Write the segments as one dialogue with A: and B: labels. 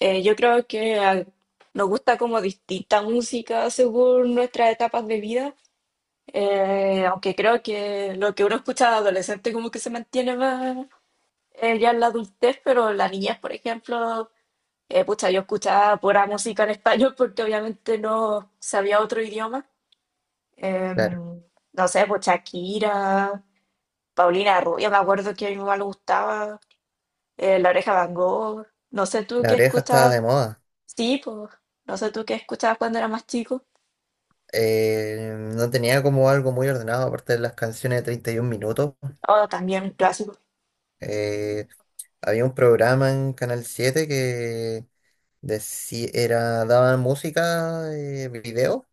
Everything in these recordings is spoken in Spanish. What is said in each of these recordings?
A: Yo creo que nos gusta como distinta música según nuestras etapas de vida, aunque creo que lo que uno escucha de adolescente como que se mantiene más ya en la adultez, pero en la niñez, por ejemplo, pucha, yo escuchaba pura música en español porque obviamente no sabía otro idioma.
B: Claro,
A: Em, no sé, pues Shakira, Paulina Rubio, me acuerdo que a mi mamá le gustaba, La Oreja Van Gogh, no sé tú
B: la
A: qué
B: oreja estaba
A: escuchas.
B: de moda.
A: Sí, pues, no sé tú qué escuchabas cuando era más chico.
B: No tenía como algo muy ordenado, aparte de las canciones de 31 minutos.
A: Oh, también clásico.
B: Eh, Había un programa en Canal Siete que era, daban música, video,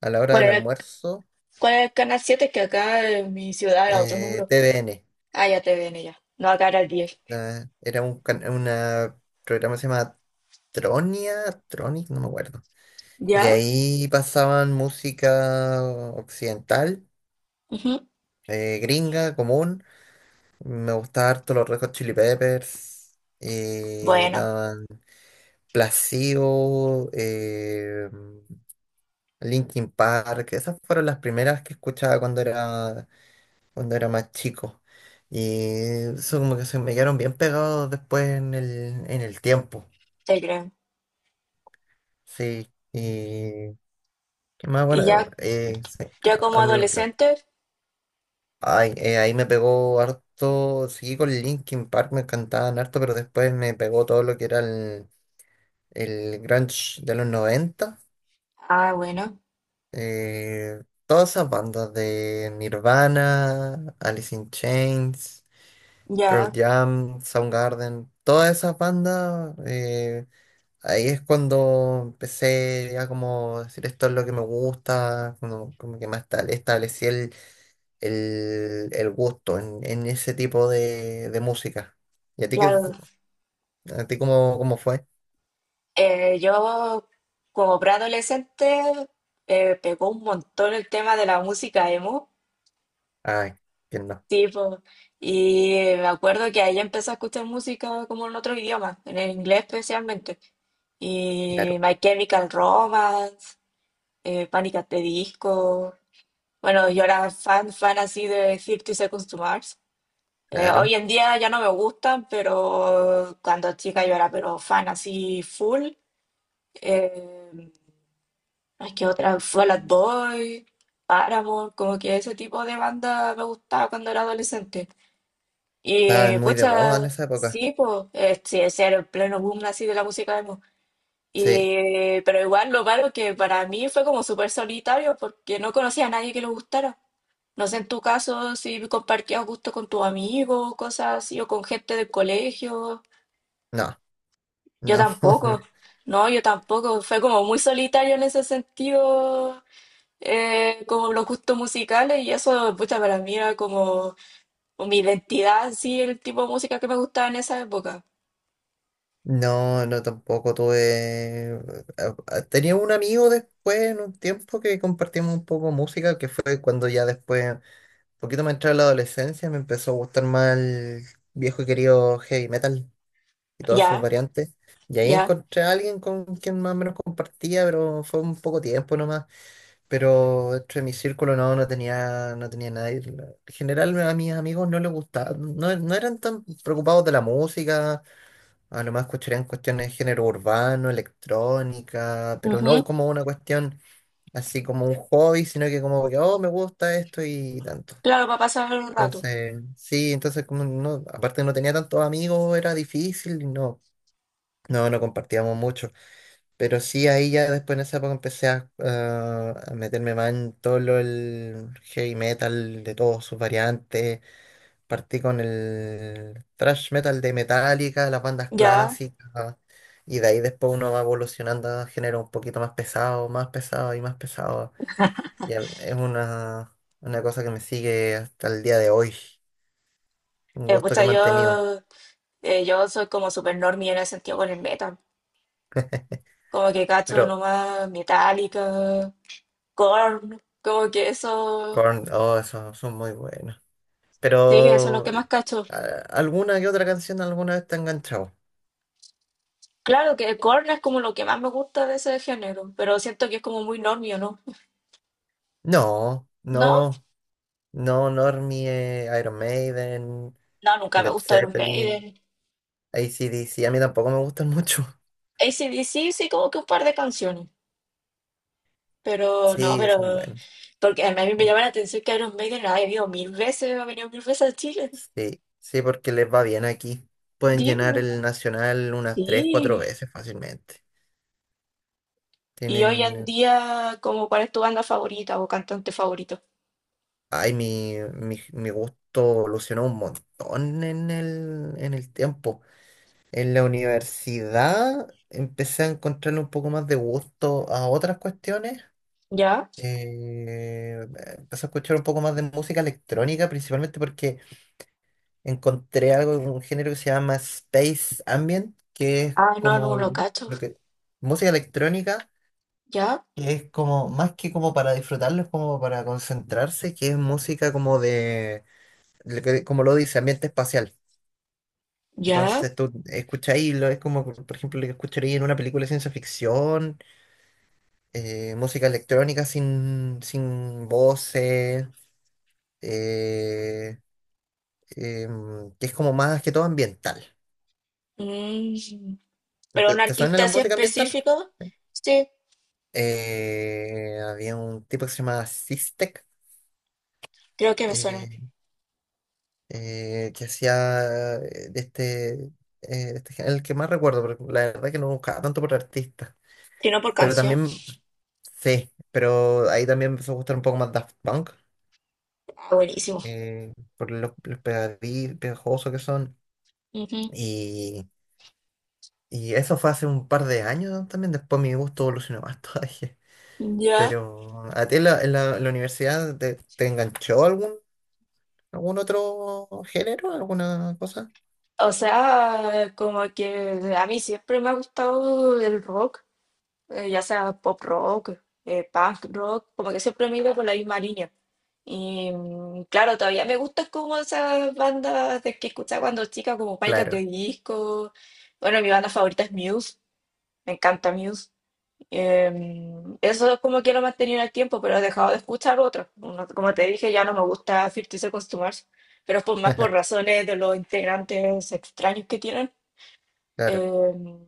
B: a la hora
A: ¿Cuál
B: del
A: era,
B: almuerzo.
A: cuál era el canal siete? Que acá en mi ciudad era otro número.
B: TVN.
A: Ah, ya te ven ya. No, acá era el diez.
B: Era una programa que se llama Tronia, Tronic, no me acuerdo. Y
A: ¿Ya?
B: ahí pasaban música occidental,
A: Ujú.
B: gringa, común. Me gustaba harto los Red Hot Chili Peppers. eh,
A: Bueno,
B: daban Placebo, Linkin Park. Esas fueron las primeras que cuando era más chico. Y eso como que se me quedaron bien pegados después en el tiempo.
A: te creo.
B: Sí. Y qué más bueno.
A: Y ya,
B: Sí,
A: yo como
B: a mí
A: adolescente,
B: ahí me pegó harto. Seguí con Linkin Park, me encantaban harto, pero después me pegó todo lo que era el grunge de los noventa,
A: ah, bueno,
B: todas esas bandas de Nirvana, Alice in Chains, Pearl
A: ya,
B: Jam, Soundgarden, todas esas bandas. Ahí es cuando empecé ya como decir esto es lo que me gusta, como, como que establecí el gusto en ese tipo de música. ¿Y a ti, qué,
A: claro.
B: a ti cómo, cómo fue?
A: Yo como preadolescente pegó un montón el tema de la música emo.
B: Ay, quién no,
A: Sí, po. Y me acuerdo que ahí empecé a escuchar música como en otro idioma, en el inglés especialmente. Y
B: claro,
A: My Chemical Romance, Panic! At the Disco. Bueno, yo era fan, fan así de Thirty Seconds to Mars.
B: claro.
A: Hoy en día ya no me gustan, pero cuando chica yo era pero fan así full. Eh, es que otra, Fall Out Boy, Paramore, como que ese tipo de banda me gustaba cuando era adolescente. Y
B: Estaban muy de moda en
A: pucha,
B: esa época.
A: sí, pues, sí, ese era el pleno boom así de la música emo.
B: Sí,
A: Y, pero igual lo malo que para mí fue como súper solitario porque no conocía a nadie que le gustara. No sé en tu caso si compartías gusto con tus amigos, cosas así, o con gente del colegio.
B: no,
A: Yo
B: no,
A: tampoco. No, yo tampoco. Fue como muy solitario en ese sentido, como los gustos musicales, y eso, pucha, para mí era como mi identidad, sí, el tipo de música que me gustaba en esa época.
B: no, no tampoco tuve. Tenía un amigo después en un tiempo que compartimos un poco música, que fue cuando ya después, un poquito más entrada a la adolescencia, me empezó a gustar más el viejo y querido heavy metal y todas sus
A: Ya,
B: variantes. Y ahí
A: ya.
B: encontré a alguien con quien más o menos compartía, pero fue un poco tiempo nomás. Pero dentro de mi círculo no, no tenía nadie. En general a mis amigos no les gustaba, no, no eran tan preocupados de la música. A lo más escucharían cuestiones de género urbano, electrónica, pero no
A: Ujú.
B: como una cuestión así como un hobby, sino que como que, oh, me gusta esto y tanto.
A: Claro, para pasar un rato.
B: Entonces, sí, entonces como no, aparte no tenía tantos amigos, era difícil, y no, no, no compartíamos mucho. Pero sí, ahí ya después en esa época empecé a, ah, a meterme más en todo lo, el heavy metal de todas sus variantes. Partí con el thrash metal de Metallica, las bandas
A: Ya.
B: clásicas. Y de ahí después uno va evolucionando a género un poquito más pesado, más pesado. Y es una cosa que me sigue hasta el día de hoy. Un gusto que he
A: Pucha,
B: mantenido.
A: yo, yo soy como super normie en el sentido con el metal. Como que cacho
B: Pero
A: nomás Metallica, Korn, como que eso,
B: Korn, oh, esos son muy buenos.
A: sí, eso es lo
B: Pero
A: que más cacho.
B: a- alguna que otra canción alguna vez te ha enganchado.
A: Claro que Korn es como lo que más me gusta de ese género, pero siento que es como muy normio, ¿no?
B: No,
A: ¿No?
B: no, no, Normie, Iron Maiden,
A: No, nunca me
B: Led
A: gusta Iron
B: Zeppelin,
A: Maiden.
B: AC/DC, a mí tampoco me gustan mucho.
A: AC/DC sí, como que un par de canciones. Pero no,
B: Sí,
A: pero.
B: son buenos.
A: Porque a mí me llama la atención que Iron Maiden la he venido mil veces, ha venido mil veces a Chile.
B: Sí, sí, porque les va bien aquí. Pueden
A: Sí,
B: llenar
A: po,
B: el Nacional unas tres, cuatro
A: sí.
B: veces fácilmente.
A: Y hoy en
B: Tienen...
A: día, ¿como cuál es tu banda favorita o cantante favorito?
B: Ay, mi gusto evolucionó un montón en el tiempo. En la universidad empecé a encontrarle un poco más de gusto a otras cuestiones.
A: ¿Ya?
B: Eh, Empecé a escuchar un poco más de música electrónica, principalmente porque encontré algo, un género que se llama Space Ambient, que es
A: Ah, no, no
B: como
A: lo cacho.
B: lo que, música electrónica,
A: ¿Ya?
B: que es como, más que como para disfrutarlo, es como para concentrarse, que es música como de, lo que- como lo dice, ambiente espacial.
A: ¿Ya?
B: Entonces tú escucháis, lo- es como, por ejemplo, lo que escucharía en una película de ciencia ficción, música electrónica sin voces, eh, que es como más que todo ambiental.
A: Mm. Pero
B: ¿Te
A: un
B: suena
A: artista
B: la
A: así
B: música ambiental?
A: específico, sí,
B: Había un tipo que se llamaba Sistek,
A: creo que me suena.
B: eh, que hacía de este el que más recuerdo, pero la verdad que no buscaba tanto por artista.
A: Si no por
B: Pero
A: canción.
B: también, sí, pero ahí también me empezó a gustar un poco más Daft Punk,
A: Ah, buenísimo.
B: por los pegajosos que son.
A: Ujú.
B: Y, y eso fue hace un par de años también, después mi gusto evolucionó más todavía.
A: Ya.
B: Pero, ¿a ti en la universidad te enganchó algún? ¿Algún otro género? ¿Alguna cosa?
A: O sea, como que a mí siempre me ha gustado el rock. Ya sea pop rock, punk rock, como que siempre me iba por la misma línea. Y mm, claro, todavía me gustan como esas bandas de que escuchaba cuando chica, como Panic! At the
B: Claro,
A: Disco. Bueno, mi banda favorita es Muse, me encanta Muse. Eso es como que lo he mantenido en el tiempo, pero he dejado de escuchar otros. No- Como te dije, ya no me gusta 50 Seconds to Mars, pero es por, más por razones de los integrantes extraños que tienen.
B: claro.
A: Em,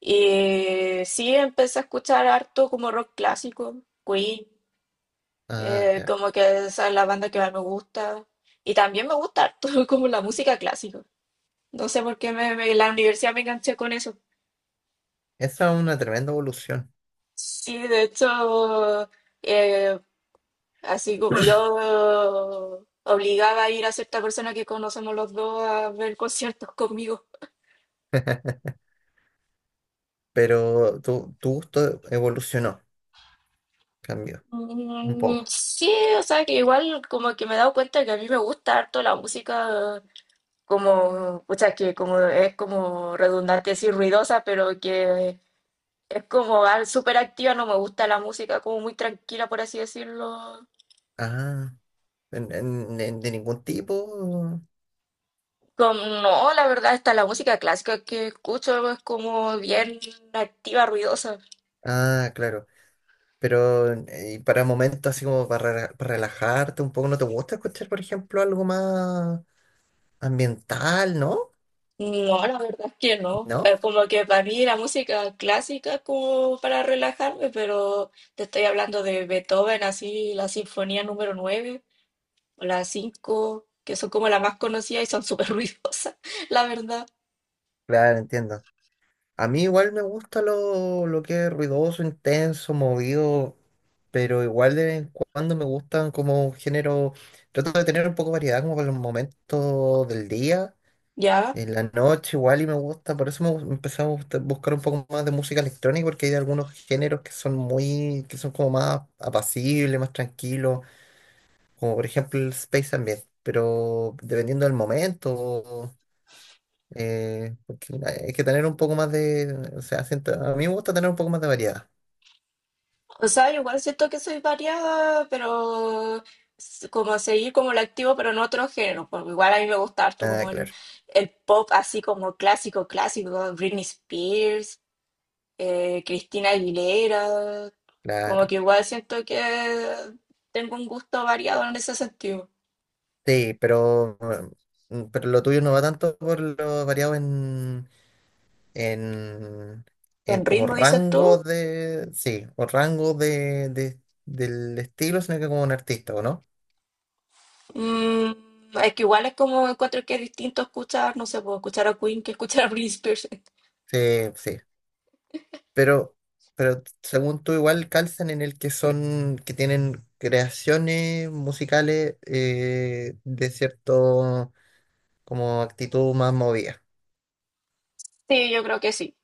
A: y sí, empecé a escuchar harto como rock clásico, Queen,
B: Ah, claro.
A: como que esa es la banda que más me gusta. Y también me gusta harto como la música clásica. No sé por qué me, en la universidad me enganché con eso.
B: Esa es una tremenda evolución,
A: Sí, de hecho, eh, así como yo obligaba a ir a cierta persona que conocemos los dos a ver conciertos conmigo.
B: pero tu gusto evolucionó, cambió un
A: Mm,
B: poco.
A: sí, o sea que igual como que me he dado cuenta que a mí me gusta harto la música como, o sea, que como es como redundante decir ruidosa, pero que es como súper activa, no me gusta la música como muy tranquila, por así decirlo.
B: Ah, de ningún tipo.
A: Como, no, la verdad, está la música clásica que escucho es como bien activa, ruidosa.
B: Ah, claro. Pero y para momentos así como para, para relajarte un poco, ¿no te gusta escuchar, por ejemplo, algo más ambiental, no?
A: No, la verdad es que no.
B: ¿No?
A: Como que para mí la música clásica es como para relajarme, pero te estoy hablando de Beethoven, así, la sinfonía número nueve, las cinco, que son como las más conocidas y son súper ruidosas, la verdad.
B: Claro, entiendo. A mí igual me gusta lo que es ruidoso, intenso, movido, pero igual de vez en cuando me gustan como un género, trato de tener un poco de variedad como para los momentos del día,
A: Ya.
B: en la noche igual y me gusta, por eso empecé a buscar un poco más de música electrónica porque hay algunos géneros que son muy, que son como más apacibles, más tranquilos, como por ejemplo el space ambient, pero dependiendo del momento, porque hay que tener un poco más de, o sea, siento- a mí me gusta tener un poco más de variedad.
A: O sea, yo igual siento que soy variada, pero como seguir como el activo, pero en otro género. Porque igual a mí me gusta harto
B: Ah,
A: como
B: claro,
A: el pop así como clásico, clásico, Britney Spears, Cristina Aguilera. Como
B: claro.
A: que igual siento que tengo un gusto variado en ese sentido.
B: Sí, pero, mm, pero lo tuyo no va tanto por lo variado en, en
A: ¿En
B: como
A: ritmo dices
B: rango
A: tú?
B: de, sí, o rango de- del estilo, sino que como un artista, ¿o no?
A: Mm, es que igual es como encuentro que es distinto escuchar, no sé, puedo escuchar a Queen que escuchar a Britney Spears.
B: Sí, sí. Pero, pero según tú igual calzan en el que son, que tienen creaciones musicales de cierto como actitud más movida.
A: Sí, yo creo que sí.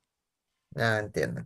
B: Ah, entiendo.